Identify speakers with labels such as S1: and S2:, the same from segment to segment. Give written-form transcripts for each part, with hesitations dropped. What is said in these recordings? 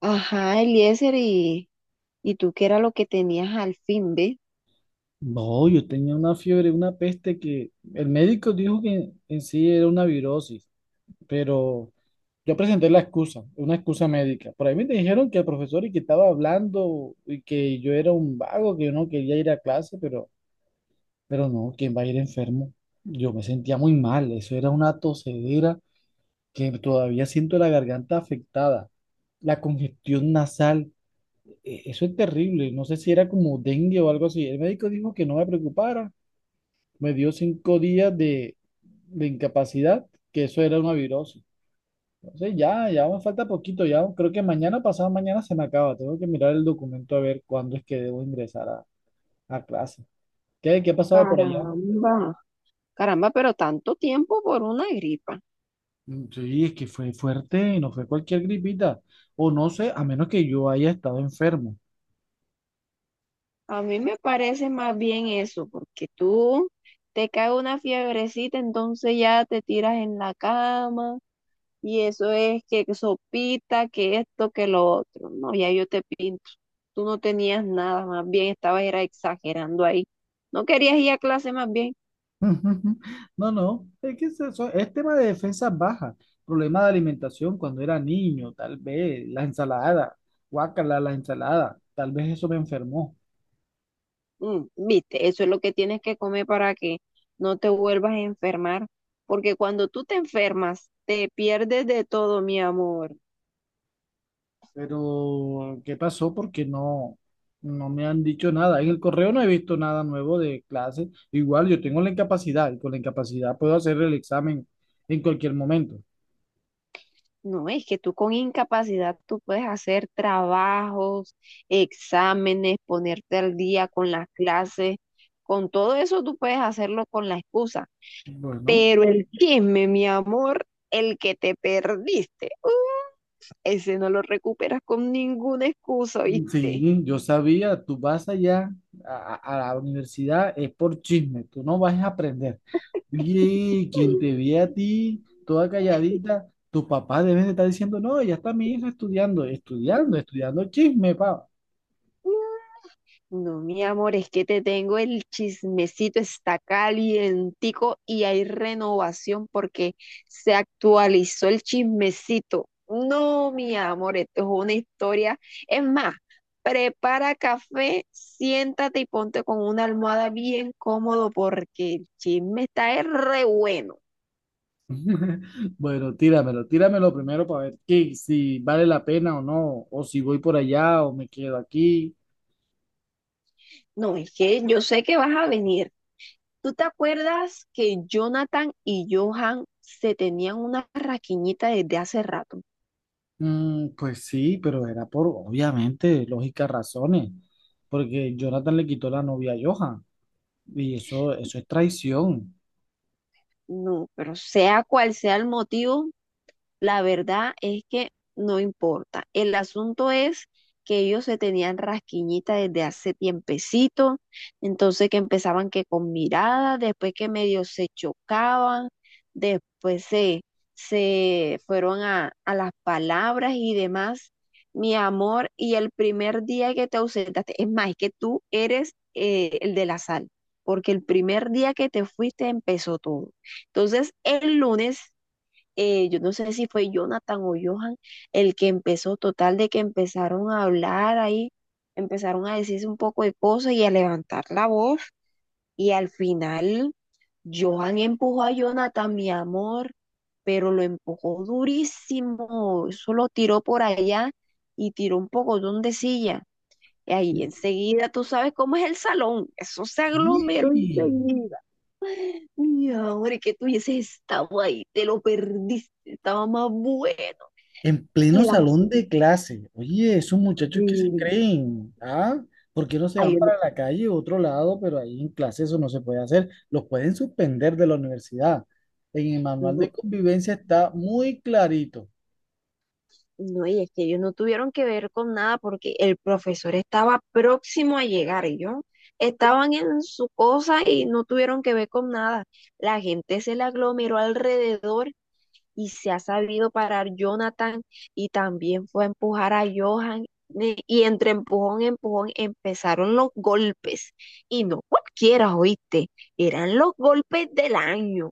S1: Ajá, Eliezer, y tú qué era lo que tenías al fin, ¿ve?
S2: No, yo tenía una fiebre, una peste que el médico dijo que en sí era una virosis, pero yo presenté la excusa, una excusa médica. Por ahí me dijeron que el profesor y que estaba hablando y que yo era un vago, que yo no quería ir a clase, pero no, ¿quién va a ir enfermo? Yo me sentía muy mal, eso era una tosedera que todavía siento la garganta afectada, la congestión nasal, eso es terrible, no sé si era como dengue o algo así. El médico dijo que no me preocupara, me dio 5 días de incapacidad, que eso era una virosis. Entonces ya me falta poquito, ya creo que mañana, pasado mañana se me acaba. Tengo que mirar el documento a ver cuándo es que debo ingresar a clase. ¿Qué ha pasado por allá?
S1: Caramba, caramba, pero tanto tiempo por una gripa.
S2: Sí, es que fue fuerte, no fue cualquier gripita. O no sé, a menos que yo haya estado enfermo.
S1: A mí me parece más bien eso, porque tú te cae una fiebrecita, entonces ya te tiras en la cama, y eso es que sopita, que esto, que lo otro. No, ya yo te pinto. Tú no tenías nada, más bien estabas era exagerando ahí. No querías ir a clase, más bien.
S2: No, no, es que es eso, es tema de defensas bajas, problema de alimentación cuando era niño, tal vez, la ensalada, guácala la ensalada, tal vez eso me enfermó,
S1: Mm, viste, eso es lo que tienes que comer para que no te vuelvas a enfermar, porque cuando tú te enfermas, te pierdes de todo, mi amor.
S2: pero ¿qué pasó? Porque no, no me han dicho nada, en el correo no he visto nada nuevo de clase, igual yo tengo la incapacidad y con la incapacidad puedo hacer el examen en cualquier momento.
S1: No, es que tú con incapacidad tú puedes hacer trabajos, exámenes, ponerte al día con las clases, con todo eso tú puedes hacerlo con la excusa,
S2: Bueno,
S1: pero el chisme, mi amor, el que te perdiste, ese no lo recuperas con ninguna excusa, ¿viste?
S2: sí, yo sabía, tú vas allá a la universidad, es por chisme, tú no vas a aprender. Oye, quien te ve a ti, toda calladita, tus papás deben de estar diciendo, no, ya está mi hija estudiando, estudiando, estudiando chisme, pa.
S1: No, mi amor, es que te tengo el chismecito, está calientico y hay renovación porque se actualizó el chismecito. No, mi amor, esto es una historia. Es más, prepara café, siéntate y ponte con una almohada bien cómodo porque el chisme está es re bueno.
S2: Bueno, tíramelo, tíramelo primero para ver qué, si vale la pena o no, o si voy por allá o me quedo aquí.
S1: No, es que yo sé que vas a venir. ¿Tú te acuerdas que Jonathan y Johan se tenían una raquiñita desde hace rato?
S2: Pues sí, pero era por, obviamente, lógicas razones, porque Jonathan le quitó la novia a Johan, y eso es traición.
S1: No, pero sea cual sea el motivo, la verdad es que no importa. El asunto es que ellos se tenían rasquiñita desde hace tiempecito, entonces que empezaban que con miradas, después que medio se chocaban, después se fueron a las palabras y demás. Mi amor, y el primer día que te ausentaste, es más, es que tú eres el de la sal, porque el primer día que te fuiste empezó todo. Entonces, el lunes yo no sé si fue Jonathan o Johan el que empezó, total de que empezaron a hablar ahí, empezaron a decirse un poco de cosas y a levantar la voz y al final Johan empujó a Jonathan, mi amor, pero lo empujó durísimo, eso lo tiró por allá y tiró un pocotón de silla. Y ahí enseguida, tú sabes cómo es el salón, eso se aglomeró
S2: Sí.
S1: enseguida. Mi amor, es que tú hubieses estado ahí, te lo perdiste, estaba más bueno.
S2: En
S1: Y
S2: pleno
S1: las
S2: salón de
S1: gente,
S2: clase. Oye, esos muchachos que se creen, ¿ah? ¿Por qué no se
S1: ay,
S2: van
S1: yo no,
S2: para la calle o otro lado? Pero ahí en clase eso no se puede hacer. Los pueden suspender de la universidad. En el manual de
S1: no,
S2: convivencia está muy clarito.
S1: no, y es que ellos no tuvieron que ver con nada porque el profesor estaba próximo a llegar, ellos estaban en su cosa y no tuvieron que ver con nada. La gente se le aglomeró alrededor y se ha sabido parar Jonathan y también fue a empujar a Johan. Y entre empujón empujón empezaron los golpes. Y no cualquiera, oíste, eran los golpes del año.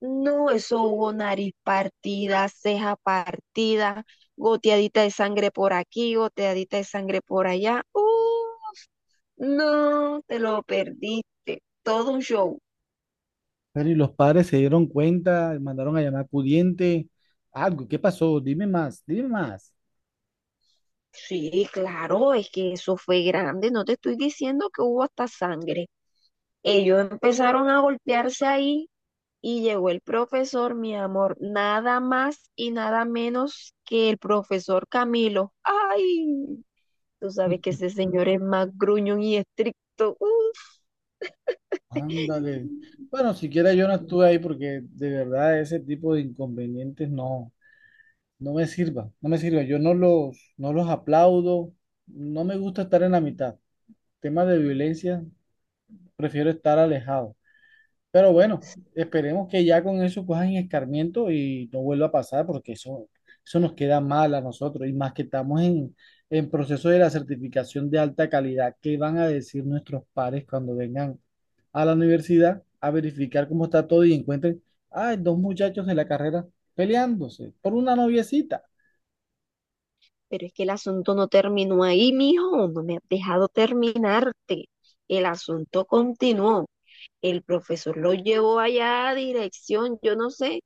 S1: No, eso hubo nariz partida, ceja partida, goteadita de sangre por aquí, goteadita de sangre por allá. No, te lo perdiste. Todo un show.
S2: Pero y los padres se dieron cuenta, mandaron a llamar pudiente. Algo, ¿qué pasó? Dime más, dime más.
S1: Sí, claro, es que eso fue grande. No te estoy diciendo que hubo hasta sangre. Ellos empezaron a golpearse ahí y llegó el profesor, mi amor, nada más y nada menos que el profesor Camilo. ¡Ay! Tú sabes que ese señor es más gruñón y estricto. Uf.
S2: Ándale. Bueno, siquiera yo no estuve ahí porque de verdad ese tipo de inconvenientes no. No me sirva, no me sirva. Yo no no los aplaudo, no me gusta estar en la mitad. Temas de violencia, prefiero estar alejado. Pero bueno, esperemos que ya con eso cojan escarmiento y no vuelva a pasar porque eso nos queda mal a nosotros y más que en proceso de la certificación de alta calidad. ¿Qué van a decir nuestros pares cuando vengan a la universidad a verificar cómo está todo y encuentren, ay, dos muchachos de la carrera peleándose por una noviecita?
S1: Pero es que el asunto no terminó ahí, mijo. No me has dejado terminarte. El asunto continuó. El profesor lo llevó allá a dirección, yo no sé.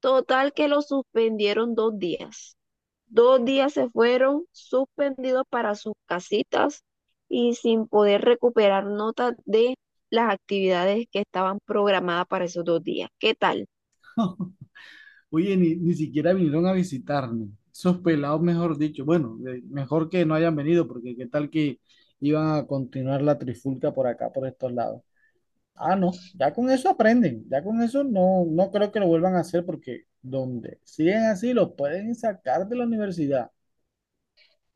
S1: Total que lo suspendieron 2 días. Dos días se fueron suspendidos para sus casitas y sin poder recuperar notas de las actividades que estaban programadas para esos 2 días. ¿Qué tal?
S2: Oye, ni siquiera vinieron a visitarme. Esos pelados, mejor dicho. Bueno, mejor que no hayan venido, porque qué tal que iban a continuar la trifulca por acá, por estos lados. Ah, no, ya con eso aprenden. Ya con eso no, no creo que lo vuelvan a hacer, porque donde siguen así, los pueden sacar de la universidad.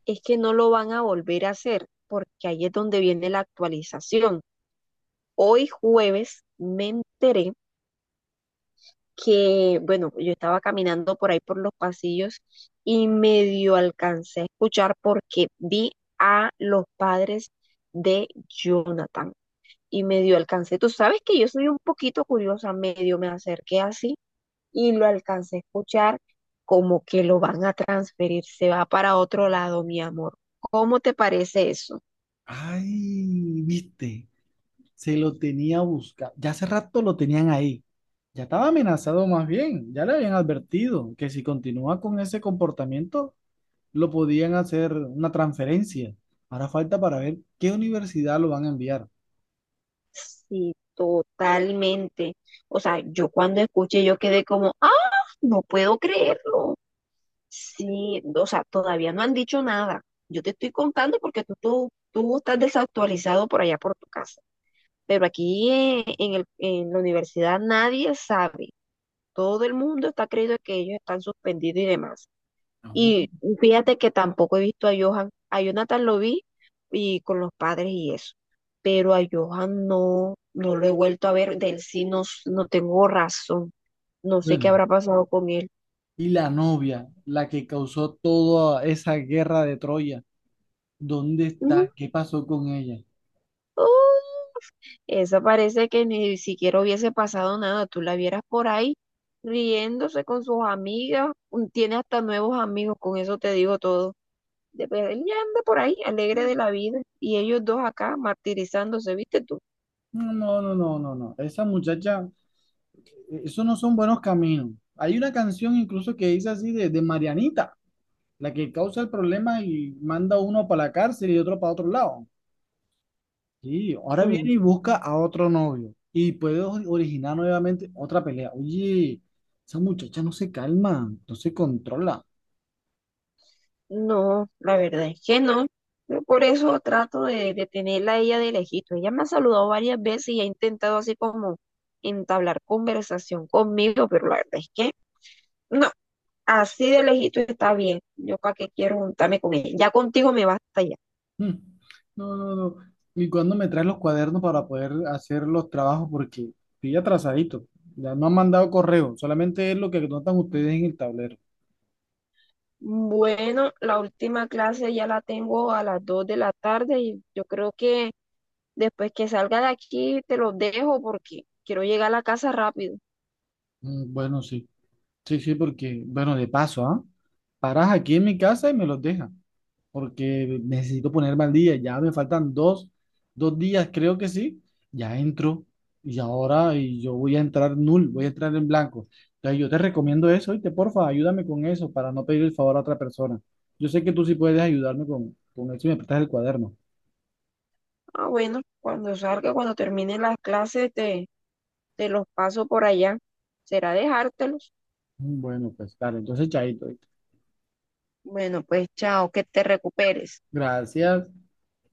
S1: Es que no lo van a volver a hacer, porque ahí es donde viene la actualización. Hoy jueves me enteré que, bueno, yo estaba caminando por ahí por los pasillos y medio alcancé a escuchar porque vi a los padres de Jonathan y medio alcancé. Tú sabes que yo soy un poquito curiosa, medio me acerqué así y lo alcancé a escuchar como que lo van a transferir, se va para otro lado, mi amor. ¿Cómo te parece eso?
S2: Ay, viste, se lo tenía buscado. Ya hace rato lo tenían ahí. Ya estaba amenazado más bien, ya le habían advertido que si continúa con ese comportamiento, lo podían hacer una transferencia. Ahora falta para ver qué universidad lo van a enviar.
S1: Sí, totalmente. O sea, yo cuando escuché, yo quedé como, ah, no puedo creerlo. Sí, o sea, todavía no han dicho nada. Yo te estoy contando porque tú estás desactualizado por allá por tu casa. Pero aquí en en la universidad nadie sabe. Todo el mundo está creyendo que ellos están suspendidos y demás.
S2: No,
S1: Y fíjate que tampoco he visto a Johan. A Jonathan lo vi y con los padres y eso. Pero a Johan no lo he vuelto a ver. Del sí no, no tengo razón. No sé qué
S2: bueno,
S1: habrá pasado con él.
S2: y la novia, la que causó toda esa guerra de Troya, ¿dónde
S1: Mm,
S2: está? ¿Qué pasó con ella?
S1: oh, esa parece que ni siquiera hubiese pasado nada. Tú la vieras por ahí riéndose con sus amigas. Tiene hasta nuevos amigos. Con eso te digo todo. Pero él ya anda por ahí, alegre de la vida. Y ellos dos acá martirizándose, ¿viste tú?
S2: No, no, no, no, no, no. Esa muchacha, esos no son buenos caminos. Hay una canción incluso que dice así de Marianita, la que causa el problema y manda uno para la cárcel y otro para otro lado. Sí, ahora viene y busca a otro novio y puede originar nuevamente otra pelea. Oye, esa muchacha no se calma, no se controla.
S1: No, la verdad es que no. Yo por eso trato de tenerla a ella de lejito. Ella me ha saludado varias veces y ha intentado así como entablar conversación conmigo, pero la verdad es que no, así de lejito está bien. Yo para qué quiero juntarme con ella. Ya contigo me basta ya.
S2: Mm. No, no, no. ¿Y cuándo me traes los cuadernos para poder hacer los trabajos? Porque estoy atrasadito. Ya no han mandado correo, solamente es lo que notan ustedes en el tablero.
S1: Bueno, la última clase ya la tengo a las 2:00 p.m. de la tarde y yo creo que después que salga de aquí te lo dejo porque quiero llegar a la casa rápido.
S2: Bueno, sí, sí, sí, porque, bueno, de paso, ¿ah? Paras aquí en mi casa y me los dejas, porque necesito ponerme al día. Ya me faltan 2 días, creo que sí. Ya entro y ahora y yo voy a entrar null, voy a entrar en blanco. Entonces yo te recomiendo eso y te porfa, ayúdame con eso para no pedir el favor a otra persona. Yo sé que tú sí puedes ayudarme con eso y me prestas el cuaderno.
S1: Ah, bueno, cuando salga, cuando termine las clases, te... Te los paso por allá. ¿Será dejártelos?
S2: Bueno, pues claro, entonces chaito. ¿Oíste?
S1: Bueno, pues chao, que te recuperes.
S2: Gracias.